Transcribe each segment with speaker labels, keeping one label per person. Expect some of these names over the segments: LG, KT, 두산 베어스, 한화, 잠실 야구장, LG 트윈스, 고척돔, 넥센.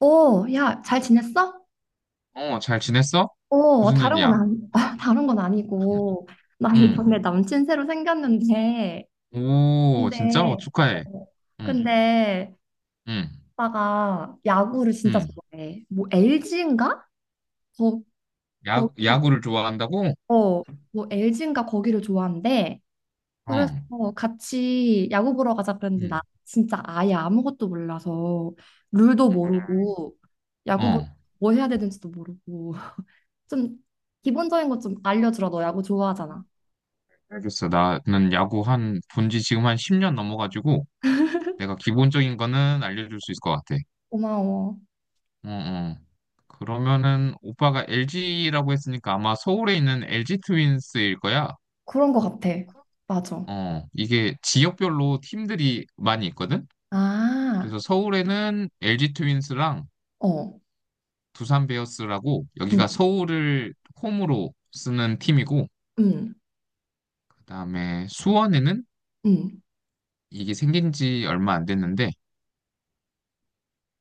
Speaker 1: 오, 야, 잘 지냈어?
Speaker 2: 어, 잘 지냈어?
Speaker 1: 오,
Speaker 2: 무슨
Speaker 1: 다른 건
Speaker 2: 일이야?
Speaker 1: 안, 다른 건
Speaker 2: 응.
Speaker 1: 아니고. 나
Speaker 2: 응.
Speaker 1: 이번에 남친 새로 생겼는데.
Speaker 2: 오, 진짜? 어,
Speaker 1: 근데, 어,
Speaker 2: 축하해. 응,
Speaker 1: 근데,
Speaker 2: 응,
Speaker 1: 오빠가 야구를 진짜
Speaker 2: 응.
Speaker 1: 좋아해. 뭐, LG인가? 거, 거,
Speaker 2: 야, 야구를 좋아한다고?
Speaker 1: 어, 뭐, LG인가 거기를 좋아한대.
Speaker 2: 어,
Speaker 1: 그래서 같이 야구 보러 가자 그랬는데,
Speaker 2: 응,
Speaker 1: 나 진짜 아예 아무것도 몰라서, 룰도 모르고, 야구 보러
Speaker 2: 어.
Speaker 1: 뭐 해야 되는지도 모르고. 좀 기본적인 것 좀 알려주라. 너 야구 좋아하잖아.
Speaker 2: 알겠어. 나는 야구 본지 지금 한 10년 넘어가지고, 내가 기본적인 거는 알려줄 수 있을 것 같아.
Speaker 1: 고마워.
Speaker 2: 어, 어. 그러면은, 오빠가 LG라고 했으니까 아마 서울에 있는 LG 트윈스일 거야.
Speaker 1: 그런 것 같아. 맞아.
Speaker 2: 어, 이게 지역별로 팀들이 많이 있거든?
Speaker 1: 아,
Speaker 2: 그래서 서울에는 LG 트윈스랑
Speaker 1: 어.
Speaker 2: 두산 베어스라고 여기가
Speaker 1: 응,
Speaker 2: 서울을 홈으로 쓰는 팀이고,
Speaker 1: 응,
Speaker 2: 그다음에 수원에는,
Speaker 1: 응.
Speaker 2: 이게 생긴 지 얼마 안 됐는데,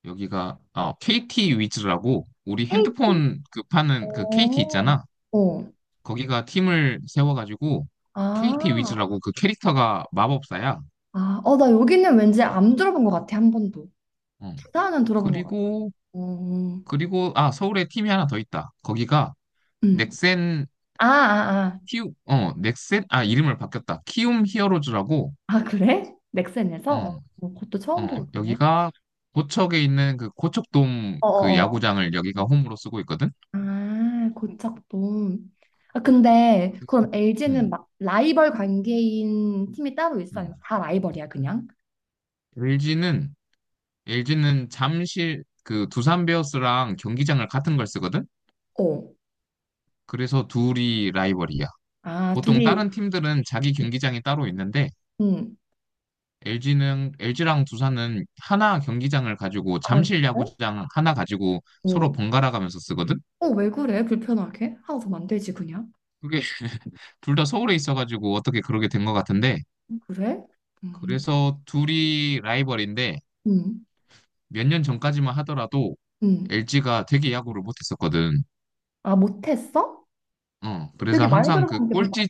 Speaker 2: 여기가 KT 위즈라고, 우리
Speaker 1: KT.
Speaker 2: 핸드폰 그 파는 그 KT
Speaker 1: 어,
Speaker 2: 있잖아.
Speaker 1: 어.
Speaker 2: 거기가 팀을 세워가지고
Speaker 1: 아,
Speaker 2: KT 위즈라고, 그 캐릭터가 마법사야.
Speaker 1: 아, 어, 나 여기는 왠지 안 들어본 것 같아. 한 번도.
Speaker 2: 어.
Speaker 1: 부산은 들어본 것 같아.
Speaker 2: 그리고
Speaker 1: 어, 어.
Speaker 2: 그리고 아, 서울에 팀이 하나 더 있다. 거기가
Speaker 1: 응.
Speaker 2: 넥센,
Speaker 1: 아, 아, 아.
Speaker 2: 키움, 넥센, 아, 이름을 바뀌었다. 키움 히어로즈라고,
Speaker 1: 아, 그래? 넥센에서? 어,
Speaker 2: 어,
Speaker 1: 어, 그것도 처음 들어보네.
Speaker 2: 여기가 고척에 있는 그 고척돔 그
Speaker 1: 어어어.
Speaker 2: 야구장을 여기가 홈으로 쓰고 있거든.
Speaker 1: 아, 고척돔. 아, 근데
Speaker 2: 그래.
Speaker 1: 그럼 LG는
Speaker 2: 음,
Speaker 1: 막 라이벌 관계인 팀이 따로
Speaker 2: 음.
Speaker 1: 있어요? 다 라이벌이야, 그냥?
Speaker 2: LG는 LG는 잠실 그 두산 베어스랑 경기장을 같은 걸 쓰거든.
Speaker 1: 어.
Speaker 2: 그래서 둘이 라이벌이야.
Speaker 1: 아,
Speaker 2: 보통
Speaker 1: 둘이,
Speaker 2: 다른 팀들은 자기 경기장이 따로 있는데,
Speaker 1: 응.
Speaker 2: LG는 LG랑 두산은 하나 경기장을 가지고
Speaker 1: 아,
Speaker 2: 잠실
Speaker 1: 그래?
Speaker 2: 야구장 하나 가지고 서로
Speaker 1: 어.
Speaker 2: 번갈아 가면서 쓰거든.
Speaker 1: 어, 왜 그래? 불편하게? 하나 더 만들지, 그냥?
Speaker 2: 그게 둘 다 서울에 있어가지고 어떻게 그러게 된 것 같은데.
Speaker 1: 응, 그래? 음,
Speaker 2: 그래서 둘이 라이벌인데,
Speaker 1: 음,
Speaker 2: 몇 년 전까지만 하더라도
Speaker 1: 음.
Speaker 2: LG가 되게 야구를 못했었거든.
Speaker 1: 아, 못했어?
Speaker 2: 어, 그래서
Speaker 1: 되게 많이
Speaker 2: 항상 그
Speaker 1: 들어봤는데 못.
Speaker 2: 꼴찌,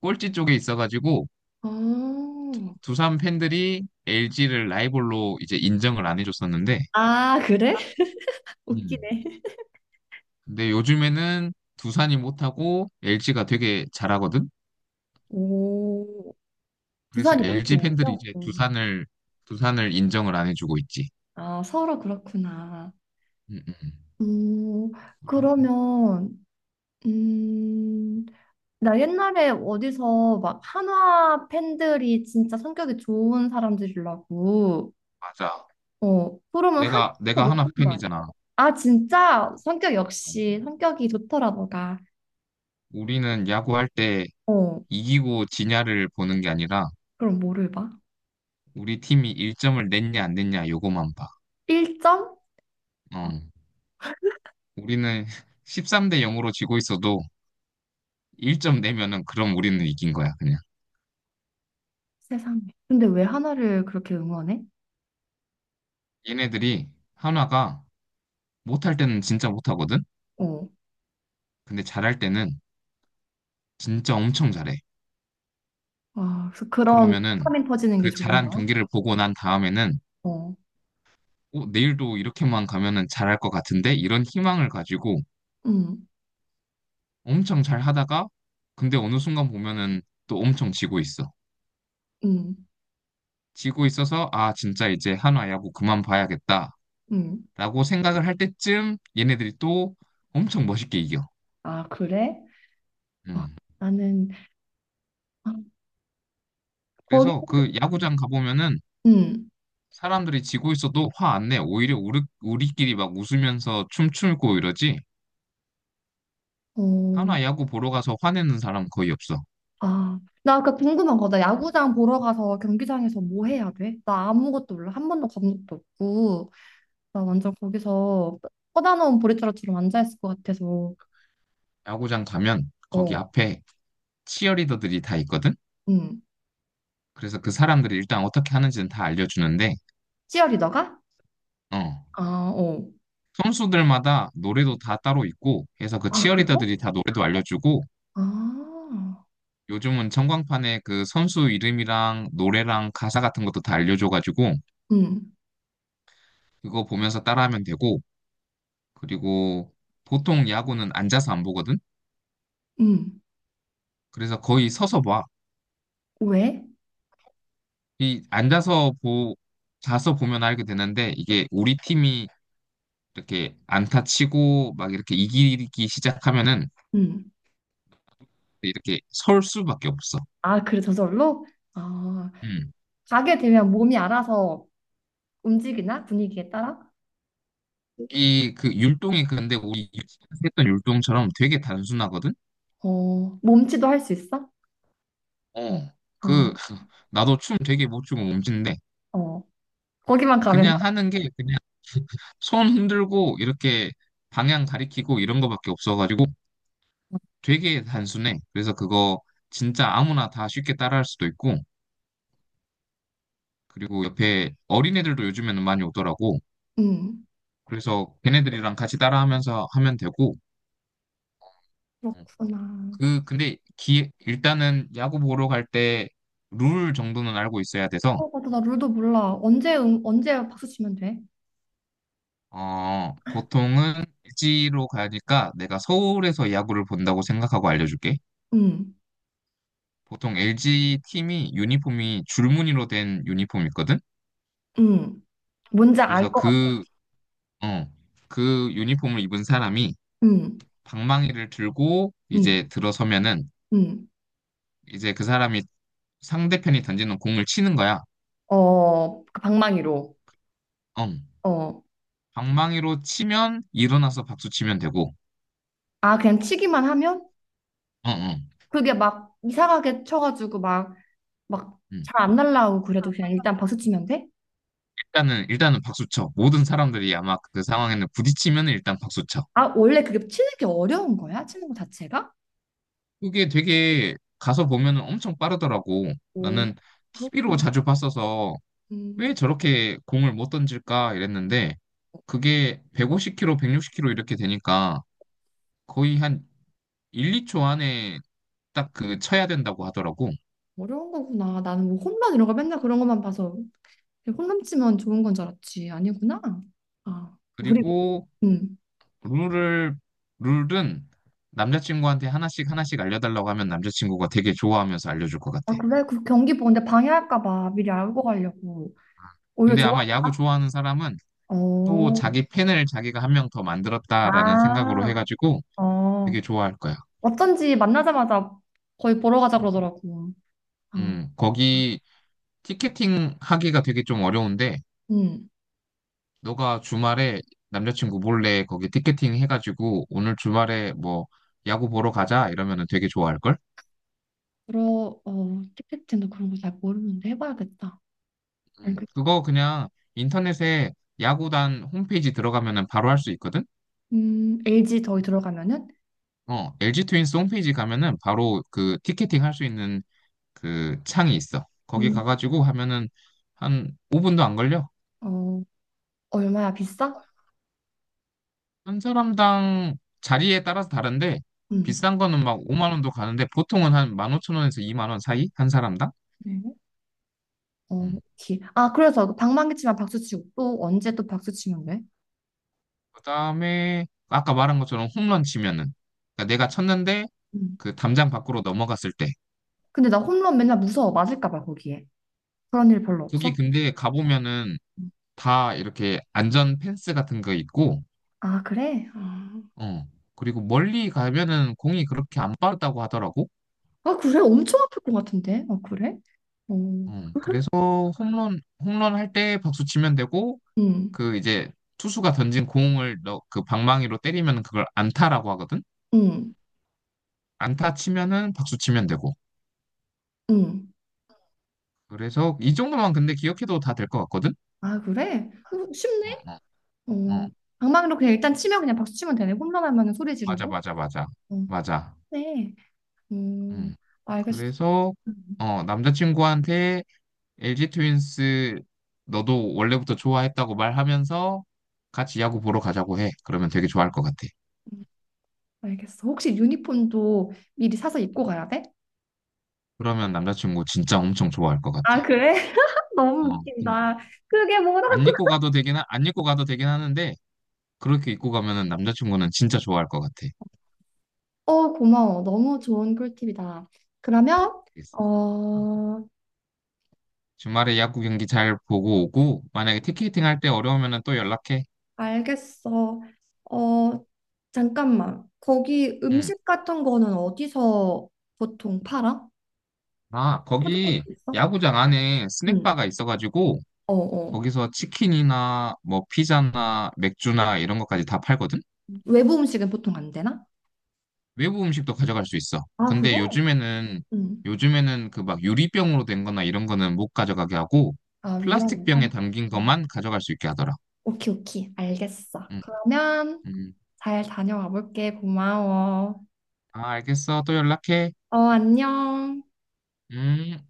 Speaker 2: 꼴찌 쪽에 있어가지고
Speaker 1: 아,
Speaker 2: 두산 팬들이 LG를 라이벌로 이제 인정을 안 해줬었는데,
Speaker 1: 아, 그래?
Speaker 2: 음.
Speaker 1: 웃기네.
Speaker 2: 근데 요즘에는 두산이 못하고 LG가 되게 잘하거든.
Speaker 1: 오,
Speaker 2: 그래서
Speaker 1: 부산이 못해
Speaker 2: LG 팬들이
Speaker 1: 오죠?
Speaker 2: 이제
Speaker 1: 음.
Speaker 2: 두산을 인정을 안 해주고 있지.
Speaker 1: 아, 서로 그렇구나.
Speaker 2: 음, 음.
Speaker 1: 음,
Speaker 2: 우리-
Speaker 1: 그러면, 음, 나 옛날에 어디서 막 한화 팬들이 진짜 성격이 좋은 사람들이라고,
Speaker 2: 맞아.
Speaker 1: 어, 그러면 한화
Speaker 2: 내가 하나
Speaker 1: 못하는 거 아니야?
Speaker 2: 팬이잖아.
Speaker 1: 아, 진짜? 성격이 좋더라, 너가.
Speaker 2: 우리는 야구할 때
Speaker 1: 어,
Speaker 2: 이기고 지냐를 보는 게 아니라
Speaker 1: 그럼 뭐를 봐?
Speaker 2: 우리 팀이 1점을 냈냐 안 냈냐 요거만 봐.
Speaker 1: 1점? 아,
Speaker 2: 어. 우리는 13대 0으로 지고 있어도 1점 내면은 그럼 우리는 이긴 거야, 그냥.
Speaker 1: 세상에. 근데 왜 하나를 그렇게 응원해?
Speaker 2: 얘네들이, 한화가 못할 때는 진짜 못하거든.
Speaker 1: 어,
Speaker 2: 근데 잘할 때는 진짜 엄청 잘해.
Speaker 1: 아, 그래서 그런
Speaker 2: 그러면은
Speaker 1: 화면 터지는 게
Speaker 2: 그
Speaker 1: 좋은
Speaker 2: 잘한
Speaker 1: 거야?
Speaker 2: 경기를 보고 난 다음에는,
Speaker 1: 어,
Speaker 2: 내일도 이렇게만 가면은 잘할 것 같은데 이런 희망을 가지고
Speaker 1: 음,
Speaker 2: 엄청 잘 하다가, 근데 어느 순간 보면은 또 엄청 지고 있어.
Speaker 1: 음,
Speaker 2: 지고 있어서 아, 진짜 이제 한화야 뭐 그만 봐야겠다라고
Speaker 1: 음.
Speaker 2: 생각을 할 때쯤 얘네들이 또 엄청 멋있게 이겨.
Speaker 1: 아, 그래? 아,
Speaker 2: 음.
Speaker 1: 나는 거기.
Speaker 2: 그래서 그 야구장 가보면은
Speaker 1: 음.
Speaker 2: 사람들이 지고 있어도 화 안 내. 오히려 우리끼리 막 웃으면서 춤추고 이러지.
Speaker 1: 음.
Speaker 2: 한화
Speaker 1: 어.
Speaker 2: 야구 보러 가서 화내는 사람 거의 없어.
Speaker 1: 아, 나 아까 궁금한 거. 나 야구장 보러 가서 경기장에서 뭐 해야 돼? 나 아무것도 몰라. 한 번도 가본 적도 없고. 나 완전 거기서 뻗어놓은 보리자루처럼 앉아 있을 것 같아서.
Speaker 2: 야구장 가면 거기
Speaker 1: 어.
Speaker 2: 앞에 치어리더들이 다 있거든.
Speaker 1: 음.
Speaker 2: 그래서 그 사람들이 일단 어떻게 하는지는 다 알려주는데,
Speaker 1: 치어리더가?
Speaker 2: 어.
Speaker 1: 아, 어.
Speaker 2: 선수들마다 노래도 다 따로 있고 해서 그
Speaker 1: 아, 그래?
Speaker 2: 치어리더들이 다 노래도 알려주고
Speaker 1: 아.
Speaker 2: 요즘은 청광판에 그 선수 이름이랑 노래랑 가사 같은 것도 다 알려줘가지고
Speaker 1: 음.
Speaker 2: 그거 보면서 따라하면 되고, 그리고 보통 야구는 앉아서 안 보거든?
Speaker 1: 음.
Speaker 2: 그래서 거의 서서 봐.
Speaker 1: 왜?
Speaker 2: 이 앉아서 보, 자서 보면 알게 되는데, 이게 우리 팀이 이렇게 안타 치고 막 이렇게 이기기 시작하면은
Speaker 1: 음.
Speaker 2: 이렇게 설 수밖에 없어.
Speaker 1: 아, 그래 저절로? 아,
Speaker 2: 음.
Speaker 1: 가게 되면 몸이 알아서 움직이나? 분위기에 따라?
Speaker 2: 이 그 율동이 근데 우리 유치원에서 했던 율동처럼 되게 단순하거든?
Speaker 1: 어. 몸치도 할 수 있어?
Speaker 2: 어. 그
Speaker 1: 아.
Speaker 2: 나도 춤 되게 못 추고 몸짓인데,
Speaker 1: 어, 거기만 가면.
Speaker 2: 그냥 하는 게 그냥 손 흔들고 이렇게 방향 가리키고 이런 거밖에 없어가지고 되게 단순해. 그래서 그거 진짜 아무나 다 쉽게 따라할 수도 있고, 그리고 옆에 어린애들도 요즘에는 많이 오더라고.
Speaker 1: 음,
Speaker 2: 그래서 걔네들이랑 같이 따라하면서 하면 되고,
Speaker 1: 그렇구나.
Speaker 2: 그 근데 기 일단은 야구 보러 갈 때 룰 정도는 알고 있어야 돼서.
Speaker 1: 어, 맞아. 나 룰도 몰라. 언제 박수 치면 돼?
Speaker 2: 보통은 일지로 가니까 내가 서울에서 야구를 본다고 생각하고 알려줄게.
Speaker 1: 음,
Speaker 2: 보통 LG 팀이 유니폼이 줄무늬로 된 유니폼이 있거든?
Speaker 1: 음, 뭔지 알
Speaker 2: 그래서
Speaker 1: 것 같아.
Speaker 2: 어, 그 유니폼을 입은 사람이
Speaker 1: 음,
Speaker 2: 방망이를 들고
Speaker 1: 음,
Speaker 2: 이제 들어서면은,
Speaker 1: 음.
Speaker 2: 이제 그 사람이 상대편이 던지는 공을 치는 거야.
Speaker 1: 어, 그 방망이로.
Speaker 2: 어.
Speaker 1: 어,
Speaker 2: 방망이로 치면 일어나서 박수 치면 되고,
Speaker 1: 아, 그냥 치기만 하면?
Speaker 2: 어, 어.
Speaker 1: 그게 막 이상하게 쳐가지고 막
Speaker 2: 음.
Speaker 1: 잘 안 날라오고 그래도 그냥 일단 박수 치면 돼?
Speaker 2: 일단은 박수 쳐. 모든 사람들이 아마 그 상황에는 부딪히면 일단 박수 쳐.
Speaker 1: 아, 원래 그게 치는 게 어려운 거야? 치는 거 자체가?
Speaker 2: 그게 되게 가서 보면은 엄청 빠르더라고.
Speaker 1: 오,
Speaker 2: 나는 TV로
Speaker 1: 그렇구나.
Speaker 2: 자주 봤어서 왜
Speaker 1: 음,
Speaker 2: 저렇게 공을 못 던질까 이랬는데
Speaker 1: 어,
Speaker 2: 그게 150km, 160km 이렇게 되니까 거의 한 1, 2초 안에 딱 그 쳐야 된다고 하더라고.
Speaker 1: 어려운 거구나. 나는 뭐 홈런 이런 거 맨날 그런 것만 봐서 홈런치면 좋은 건 줄 알았지. 아니구나. 아, 우리.
Speaker 2: 그리고
Speaker 1: 음.
Speaker 2: 룰을 룰은 남자친구한테 하나씩 하나씩 알려달라고 하면 남자친구가 되게 좋아하면서 알려줄 것 같아.
Speaker 1: 아, 그래? 그 경기 보는데 방해할까 봐 미리 알고 가려고. 오히려
Speaker 2: 근데
Speaker 1: 좋아.
Speaker 2: 아마 야구 좋아하는 사람은 또
Speaker 1: 어,
Speaker 2: 자기 팬을 자기가 한 명 더 만들었다라는 생각으로
Speaker 1: 아,
Speaker 2: 해가지고 되게
Speaker 1: 어.
Speaker 2: 좋아할 거야.
Speaker 1: 어쩐지 만나자마자 거의 보러 가자
Speaker 2: 음,
Speaker 1: 그러더라고. 아,
Speaker 2: 거기 티켓팅 하기가 되게 좀 어려운데
Speaker 1: 음.
Speaker 2: 너가 주말에 남자친구 몰래 거기 티켓팅 해가지고 오늘 주말에 뭐 야구 보러 가자 이러면은 되게 좋아할걸?
Speaker 1: 티켓팅도 그런 거 잘 모르는데 해봐야겠다.
Speaker 2: 음.
Speaker 1: 알겠어.
Speaker 2: 그거 그냥 인터넷에 야구단 홈페이지 들어가면은 바로 할 수 있거든?
Speaker 1: LG 저희 들어가면은,
Speaker 2: 어, LG 트윈스 홈페이지 가면은 바로 그 티켓팅 할 수 있는 그 창이 있어. 거기
Speaker 1: 음,
Speaker 2: 가가지고 하면은 한 5분도 안 걸려.
Speaker 1: 어, 얼마야, 비싸?
Speaker 2: 한 사람당 자리에 따라서 다른데
Speaker 1: 음.
Speaker 2: 비싼 거는 막 5만 원도 가는데 보통은 한 15,000원에서 2만 원 사이? 한 사람당?
Speaker 1: 네. 어, 오케이. 아, 그래서 그 방망이 치면 박수 치고 또 언제 또 박수 치면 돼?
Speaker 2: 그다음에 아까 말한 것처럼 홈런 치면은, 그러니까 내가 쳤는데
Speaker 1: 음.
Speaker 2: 그 담장 밖으로 넘어갔을 때,
Speaker 1: 근데 나 홈런 맨날 무서워. 맞을까 봐 거기에. 그런 일 별로
Speaker 2: 거기
Speaker 1: 없어?
Speaker 2: 근데 가보면은
Speaker 1: 음.
Speaker 2: 다 이렇게 안전 펜스 같은 거 있고,
Speaker 1: 아, 그래? 아,
Speaker 2: 어, 그리고 멀리 가면은 공이 그렇게 안 빠르다고 하더라고.
Speaker 1: 아, 그래? 엄청 아플 것 같은데. 아, 그래? 어.
Speaker 2: 어, 그래서 홈런 홈런 할 때 박수 치면 되고,
Speaker 1: 음.
Speaker 2: 그 이제 투수가 던진 공을 그 방망이로 때리면 그걸 안타라고 하거든.
Speaker 1: 음.
Speaker 2: 안타 치면은 박수 치면 되고
Speaker 1: 음.
Speaker 2: 그래서 이 정도만 근데 기억해도 다 될 것 같거든.
Speaker 1: 아, 그래? 어,
Speaker 2: 어,
Speaker 1: 쉽네?
Speaker 2: 어. 어.
Speaker 1: 어. 방망이로 그냥 일단 치면 그냥 박수 치면 되네. 홈런 하면 소리
Speaker 2: 맞아,
Speaker 1: 지르고.
Speaker 2: 맞아, 맞아.
Speaker 1: 어.
Speaker 2: 맞아.
Speaker 1: 네. 음.
Speaker 2: 음.
Speaker 1: 알겠어.
Speaker 2: 그래서,
Speaker 1: 음.
Speaker 2: 남자친구한테 LG 트윈스 너도 원래부터 좋아했다고 말하면서 같이 야구 보러 가자고 해. 그러면 되게 좋아할 것 같아.
Speaker 1: 음, 알겠어. 혹시 유니폼도 미리 사서 입고 가야 돼?
Speaker 2: 그러면 남자친구 진짜 엄청 좋아할 것
Speaker 1: 아,
Speaker 2: 같아.
Speaker 1: 그래? 너무
Speaker 2: 어,
Speaker 1: 웃긴다. 그게 뭐라고?
Speaker 2: 안 입고 가도 되긴, 하, 안 입고 가도 되긴 하는데, 그렇게 입고 가면은 남자친구는 진짜 좋아할 것 같아.
Speaker 1: 어, 고마워. 너무 좋은 꿀팁이다. 그러면,
Speaker 2: 알겠어. 어.
Speaker 1: 어,
Speaker 2: 주말에 야구 경기 잘 보고 오고, 만약에 티켓팅 할 때 어려우면은 또 연락해.
Speaker 1: 알겠어. 어, 잠깐만. 거기
Speaker 2: 음.
Speaker 1: 음식 같은 거는 어디서 보통 팔아?
Speaker 2: 아,
Speaker 1: 푸드코트
Speaker 2: 거기
Speaker 1: 있어?
Speaker 2: 야구장 안에
Speaker 1: 응.
Speaker 2: 스낵바가 있어가지고
Speaker 1: 어, 어.
Speaker 2: 거기서 치킨이나 뭐 피자나 맥주나 이런 것까지 다 팔거든?
Speaker 1: 외부 음식은 보통 안 되나?
Speaker 2: 외부 음식도 가져갈 수 있어.
Speaker 1: 아, 그래?
Speaker 2: 근데 요즘에는
Speaker 1: 응.
Speaker 2: 요즘에는 그 막 유리병으로 된 거나 이런 거는 못 가져가게 하고
Speaker 1: 아,
Speaker 2: 플라스틱
Speaker 1: 위험해. 아,
Speaker 2: 병에 담긴
Speaker 1: 응.
Speaker 2: 것만 가져갈 수 있게 하더라.
Speaker 1: 오케이, 오케이. 알겠어.
Speaker 2: 음,
Speaker 1: 그러면
Speaker 2: 음.
Speaker 1: 잘 다녀와 볼게. 고마워.
Speaker 2: 아, 알겠어. 또 연락해.
Speaker 1: 어, 안녕.
Speaker 2: 음.